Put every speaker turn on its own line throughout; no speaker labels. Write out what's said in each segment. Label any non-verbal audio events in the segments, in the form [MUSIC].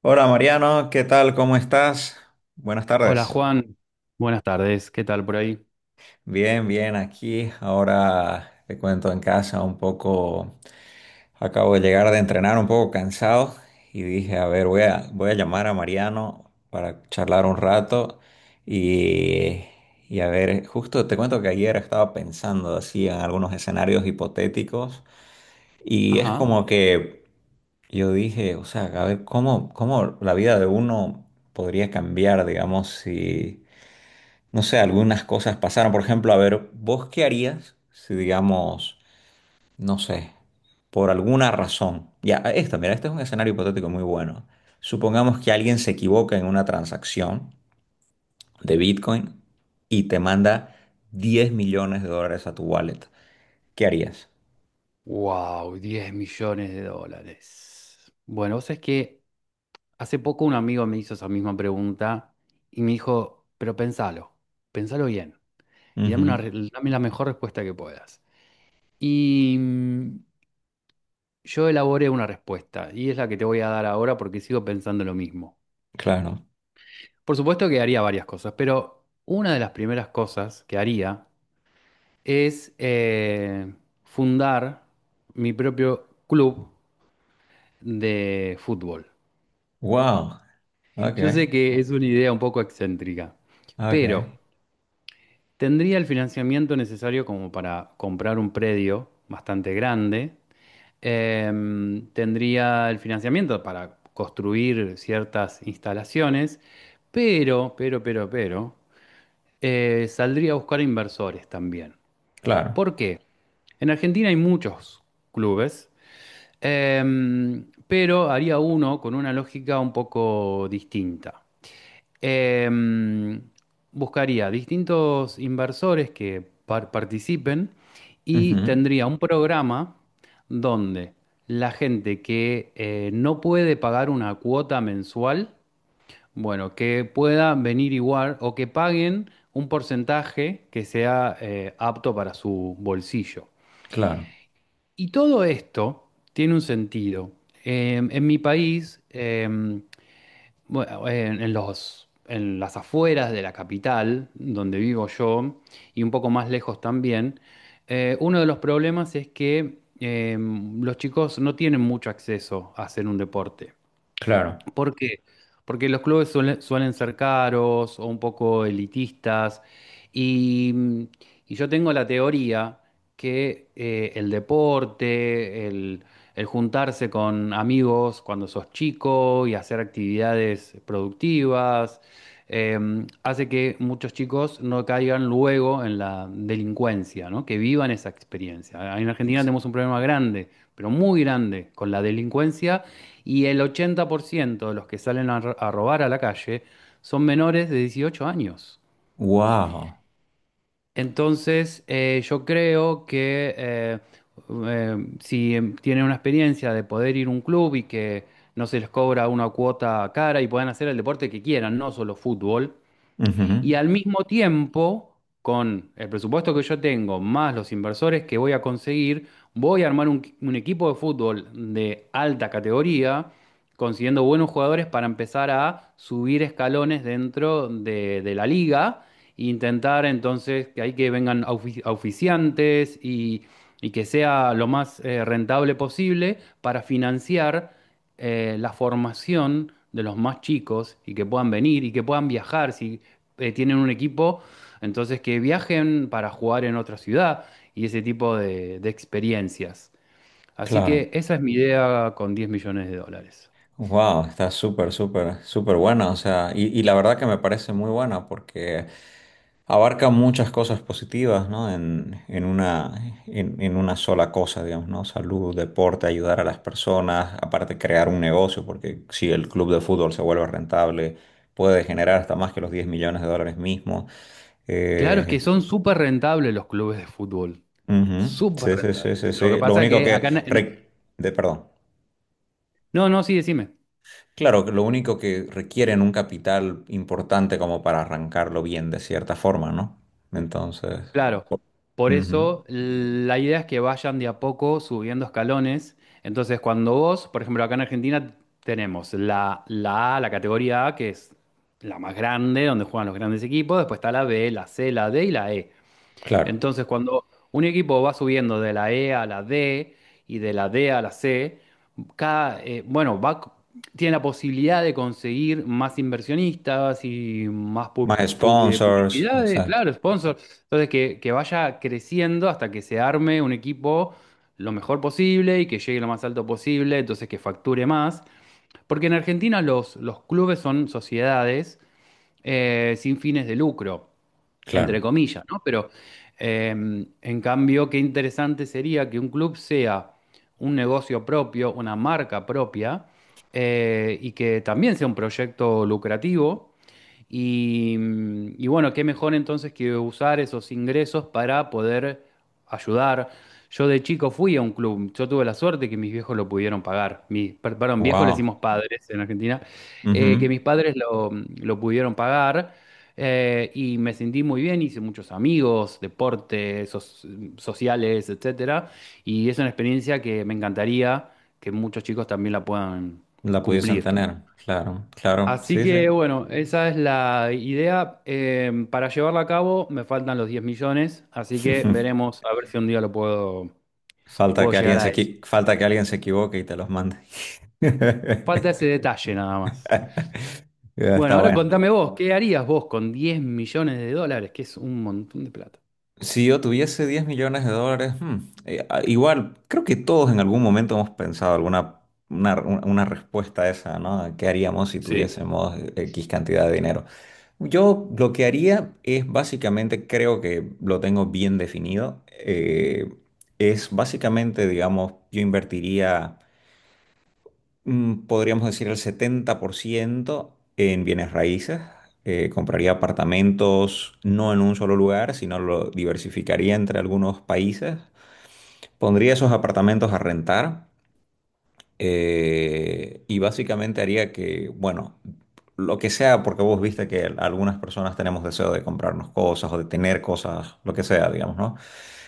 Hola Mariano, ¿qué tal? ¿Cómo estás? Buenas
Hola
tardes.
Juan, buenas tardes, ¿qué tal por ahí?
Bien, bien, aquí. Ahora te cuento en casa un poco. Acabo de llegar de entrenar un poco cansado y dije, a ver, voy a llamar a Mariano para charlar un rato y, y a ver, justo te cuento que ayer estaba pensando así en algunos escenarios hipotéticos y es
Ajá.
como que yo dije, o sea, a ver, ¿cómo la vida de uno podría cambiar, digamos, si no sé, algunas cosas pasaron? Por ejemplo, a ver, ¿vos qué harías si, digamos, no sé, por alguna razón? Ya, mira, este es un escenario hipotético muy bueno. Supongamos que alguien se equivoca en una transacción de Bitcoin y te manda $10 millones a tu wallet. ¿Qué harías?
Wow, 10 millones de dólares. Bueno, vos sabés que hace poco un amigo me hizo esa misma pregunta y me dijo, pero pensalo, pensalo bien y dame, una,
Ujú,
re- dame la mejor respuesta que puedas. Y mm, yo elaboré una respuesta y es la que te voy a dar ahora porque sigo pensando lo mismo.
claro.
Por supuesto que haría varias cosas, pero una de las primeras cosas que haría es fundar mi propio club de fútbol.
Wow. Ok,
Yo sé que es una idea un poco excéntrica, pero
ok.
tendría el financiamiento necesario como para comprar un predio bastante grande. Tendría el financiamiento para construir ciertas instalaciones, pero, saldría a buscar inversores también.
Claro.
¿Por qué? En Argentina hay muchos clubes. Pero haría uno con una lógica un poco distinta. Em, buscaría distintos inversores que participen y
Ujú,
tendría un programa donde la gente que no puede pagar una cuota mensual, bueno, que pueda venir igual o que paguen un porcentaje que sea apto para su bolsillo.
claro,
Y todo esto tiene un sentido. En mi país, bueno, en las afueras de la capital, donde vivo yo, y un poco más lejos también, uno de los problemas es que los chicos no tienen mucho acceso a hacer un deporte.
claro.
¿Por qué? Porque los clubes suelen ser caros o un poco elitistas y, mm, y yo tengo la teoría que el deporte, el juntarse con amigos cuando sos chico y hacer actividades productivas, eh, hace que muchos chicos no caigan luego en la delincuencia, ¿no? Que vivan esa experiencia. En Argentina
Ex-
tenemos un problema grande, pero muy grande, con la delincuencia, y el 80% de los que salen a, a robar a la calle son menores de 18 años.
Wow.
Entonces, yo creo que si tienen una experiencia de poder ir a un club y que no se les cobra una cuota cara y puedan hacer el deporte que quieran, no solo fútbol, y
Ujú,
al mismo tiempo, con el presupuesto que yo tengo, más los inversores que voy a conseguir, voy a armar un, equipo de fútbol de alta categoría, consiguiendo buenos jugadores para empezar a subir escalones dentro de la liga e intentar entonces que ahí que vengan auspiciantes y que sea lo más rentable posible para financiar la formación de los más chicos y que puedan venir y que puedan viajar. Si tienen un equipo, entonces que viajen para jugar en otra ciudad y ese tipo de experiencias. Así
claro.
que esa es mi idea con 10 millones de dólares.
Wow, está súper, súper, súper buena, o sea, y la verdad que me parece muy buena porque abarca muchas cosas positivas, ¿no? En una sola cosa, digamos, ¿no? Salud, deporte, ayudar a las personas, aparte crear un negocio, porque si el club de fútbol se vuelve rentable, puede generar hasta más que los $10 millones mismos.
Claro, es
Eh,
que son súper rentables los clubes de fútbol.
ujú,
Súper
sí, sí, sí,
rentables.
sí,
Lo que
sí. Lo
pasa
único
que
que
acá.
perdón.
No, no, sí, decime.
Claro, que lo único que requieren un capital importante como para arrancarlo bien de cierta forma, ¿no? Entonces,
Claro, por
ujú,
eso la idea es que vayan de a poco subiendo escalones. Entonces, cuando vos, por ejemplo, acá en Argentina tenemos la, A, la categoría A, que es la más grande, donde juegan los grandes equipos, después está la B, la C, la D y la E.
claro.
Entonces, cuando un equipo va subiendo de la E a la D y de la D a la C, bueno, tiene la posibilidad de conseguir más inversionistas y más
Más sponsors,
publicidades,
exacto.
claro, sponsors. Entonces, que vaya creciendo hasta que se arme un equipo lo mejor posible y que llegue lo más alto posible, entonces que facture más. Porque en Argentina los clubes son sociedades sin fines de lucro entre
Claro.
comillas, ¿no? Pero en cambio, qué interesante sería que un club sea un negocio propio, una marca propia, y que también sea un proyecto lucrativo y bueno, qué mejor entonces que usar esos ingresos para poder ayudar. Yo de chico fui a un club, yo tuve la suerte que mis viejos lo pudieron pagar. Perdón, viejos le
Wow.
decimos padres en Argentina. Que
Ujú,
mis padres lo pudieron pagar, y me sentí muy bien, hice muchos amigos, deportes, sociales, etcétera. Y es una experiencia que me encantaría que muchos chicos también la puedan
la pudiesen
cumplir.
tener. Claro, claro.
Así
Sí, sí.
que bueno, esa es la idea. Para llevarla a cabo me faltan los 10 millones, así que
[LAUGHS]
veremos a ver si un día lo puedo,
Falta
puedo
que
llegar
alguien
a eso.
se equivoque y te los mande.
Falta ese
[LAUGHS]
detalle nada más.
Ya,
Bueno,
está
ahora
bueno.
contame vos, ¿qué harías vos con 10 millones de dólares? Que es un montón de plata.
Si yo tuviese $10 millones, igual, creo que todos en algún momento hemos pensado alguna una respuesta a esa, ¿no? ¿Qué haríamos si
Sí.
tuviésemos X cantidad de dinero? Yo lo que haría es básicamente, creo que lo tengo bien definido, es básicamente, digamos, yo invertiría, podríamos decir, el 70% en bienes raíces. Compraría apartamentos no en un solo lugar, sino lo diversificaría entre algunos países. Pondría esos apartamentos a rentar y básicamente haría que, bueno, lo que sea, porque vos viste que algunas personas tenemos deseo de comprarnos cosas o de tener cosas, lo que sea, digamos, ¿no?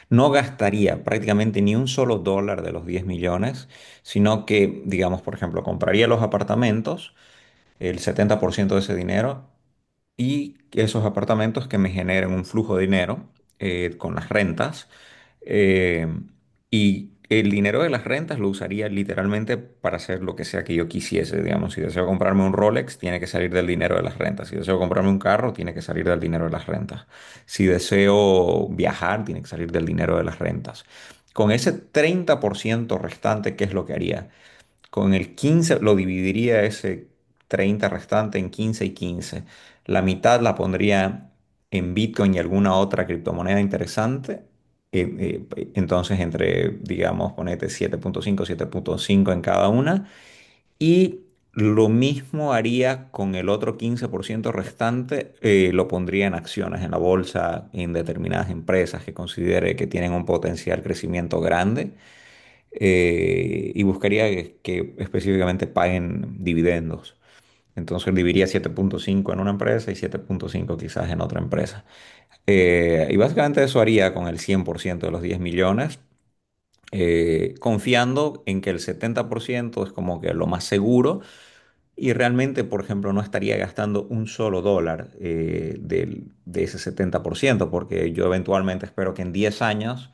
No gastaría prácticamente ni un solo dólar de los 10 millones, sino que, digamos, por ejemplo, compraría los apartamentos, el 70% de ese dinero, y esos apartamentos que me generen un flujo de dinero con las rentas. eh, y el dinero de las rentas lo usaría literalmente para hacer lo que sea que yo quisiese. Digamos, si deseo comprarme un Rolex, tiene que salir del dinero de las rentas. Si deseo comprarme un carro, tiene que salir del dinero de las rentas. Si deseo viajar, tiene que salir del dinero de las rentas. Con ese 30% restante, ¿qué es lo que haría? Con el 15 lo dividiría, ese 30 restante en 15 y 15. La mitad la pondría en Bitcoin y alguna otra criptomoneda interesante. Entonces, entre, digamos, ponete 7,5, 7,5 en cada una. Y lo mismo haría con el otro 15% restante, lo pondría en acciones, en la bolsa, en determinadas empresas que considere que tienen un potencial crecimiento grande, y buscaría que, específicamente paguen dividendos. Entonces dividiría 7,5 en una empresa y 7,5 quizás en otra empresa. Y básicamente eso haría con el 100% de los 10 millones, confiando en que el 70% es como que lo más seguro y realmente, por ejemplo, no estaría gastando un solo dólar, de ese 70%, porque yo eventualmente espero que en 10 años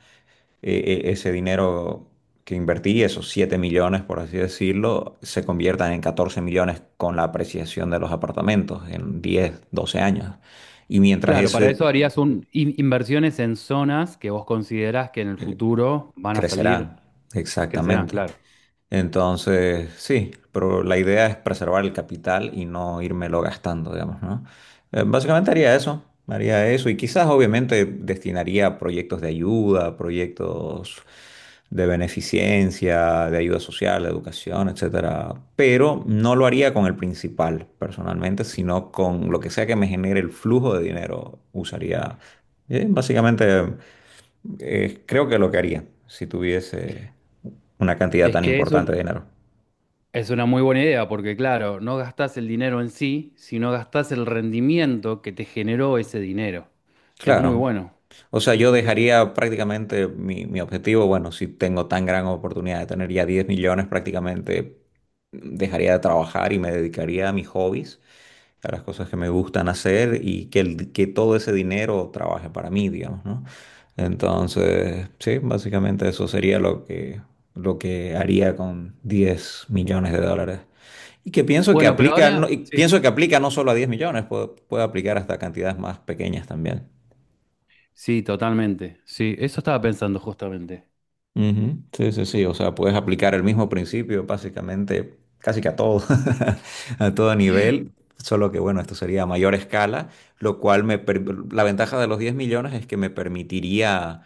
ese dinero que invertí, esos 7 millones, por así decirlo, se conviertan en 14 millones con la apreciación de los apartamentos en 10 12 años. Y mientras
Claro, para
ese,
eso harías un, inversiones en zonas que vos considerás que en el futuro van a salir,
crecerán,
crecerán,
exactamente.
claro.
Entonces, sí, pero la idea es preservar el capital y no írmelo gastando, digamos, ¿no? Básicamente haría eso y quizás obviamente destinaría a proyectos de ayuda, proyectos de beneficencia, de ayuda social, de educación, etcétera, pero no lo haría con el principal personalmente, sino con lo que sea que me genere el flujo de dinero, usaría, básicamente, creo que lo que haría si tuviese una cantidad
Es
tan
que eso,
importante de dinero.
es una muy buena idea porque, claro, no gastás el dinero en sí, sino gastás el rendimiento que te generó ese dinero. Es muy
Claro.
bueno.
O sea, yo dejaría prácticamente mi objetivo, bueno, si tengo tan gran oportunidad de tener ya 10 millones, prácticamente dejaría de trabajar y me dedicaría a mis hobbies, a las cosas que me gustan hacer, y que, que todo ese dinero trabaje para mí, digamos, ¿no? Entonces, sí, básicamente eso sería lo que haría con $10 millones. Y que pienso que
Bueno, pero
aplica, no,
ahora...
y
Sí.
pienso que aplica no solo a 10 millones, puede, puede aplicar hasta cantidades más pequeñas también.
Sí, totalmente. Sí, eso estaba pensando justamente.
Ujú, sí, sí, sí, o sea, puedes aplicar el mismo principio básicamente casi que a todo, [LAUGHS] a todo nivel, solo que bueno, esto sería a mayor escala, lo cual la ventaja de los 10 millones es que me permitiría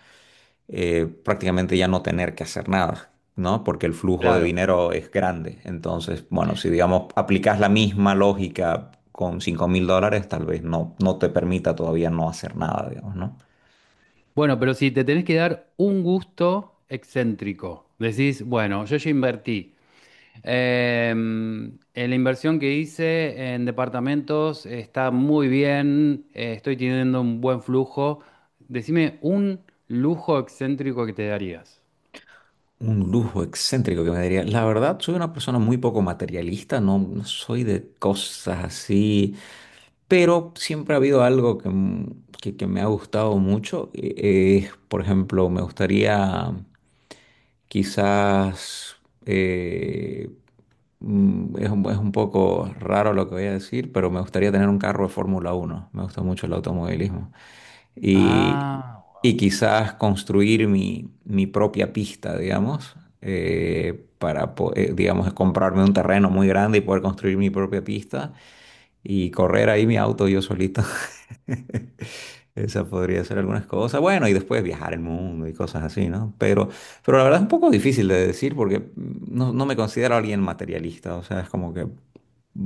prácticamente ya no tener que hacer nada, ¿no? Porque el flujo de
Claro.
dinero es grande, entonces, bueno, si digamos aplicas la misma lógica con $5.000, tal vez no, no te permita todavía no hacer nada, digamos, ¿no?
Bueno, pero si te tenés que dar un gusto excéntrico, decís, bueno, yo ya invertí. Eh, la inversión que hice en departamentos está muy bien, estoy teniendo un buen flujo. Decime un lujo excéntrico que te darías.
Un lujo excéntrico que me daría. La verdad, soy una persona muy poco materialista, no, no soy de cosas así, pero siempre ha habido algo que me ha gustado mucho. Por ejemplo, me gustaría. Quizás eh, es un poco raro lo que voy a decir, pero me gustaría tener un carro de Fórmula 1. Me gusta mucho el automovilismo. Y,
Ah,
y quizás construir mi propia pista, digamos, digamos, comprarme un terreno muy grande y poder construir mi propia pista y correr ahí mi auto yo solito. [LAUGHS] Esa podría ser algunas cosas. Bueno, y después viajar el mundo y cosas así, ¿no? Pero la verdad es un poco difícil de decir porque no, no me considero alguien materialista. O sea, es como que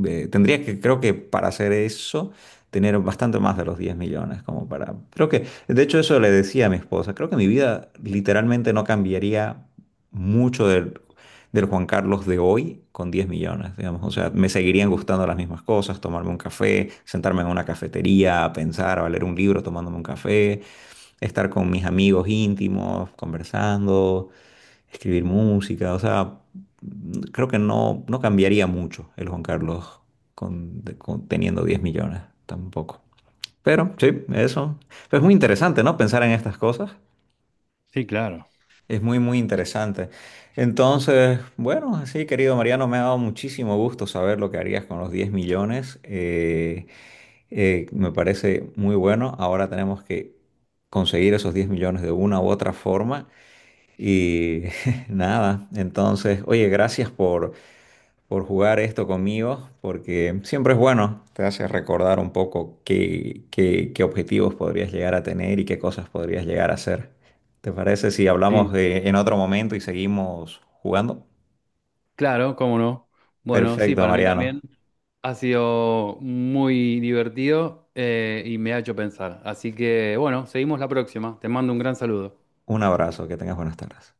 tendría que, creo que para hacer eso, tener bastante más de los 10 millones, como para. Creo que, de hecho, eso le decía a mi esposa. Creo que mi vida literalmente no cambiaría mucho del Juan Carlos de hoy con 10 millones, digamos. O sea, me seguirían gustando las mismas cosas: tomarme un café, sentarme en una cafetería, pensar, o leer un libro tomándome un café, estar con mis amigos íntimos, conversando, escribir música. O sea, creo que no, no cambiaría mucho el Juan Carlos teniendo 10 millones, tampoco. Pero sí, eso. Pero es muy interesante, ¿no? Pensar en estas cosas.
sí, claro.
Es muy, muy interesante. Entonces, bueno, sí, querido Mariano, me ha dado muchísimo gusto saber lo que harías con los 10 millones. Me parece muy bueno. Ahora tenemos que conseguir esos 10 millones de una u otra forma. Y [LAUGHS] nada, entonces, oye, gracias por jugar esto conmigo, porque siempre es bueno, te hace recordar un poco qué objetivos podrías llegar a tener y qué cosas podrías llegar a hacer. ¿Te parece si hablamos
Sí,
en otro momento y seguimos jugando?
claro, cómo no. Bueno, sí,
Perfecto,
para mí
Mariano.
también ha sido muy divertido, y me ha hecho pensar. Así que, bueno, seguimos la próxima. Te mando un gran saludo.
Un abrazo, que tengas buenas tardes.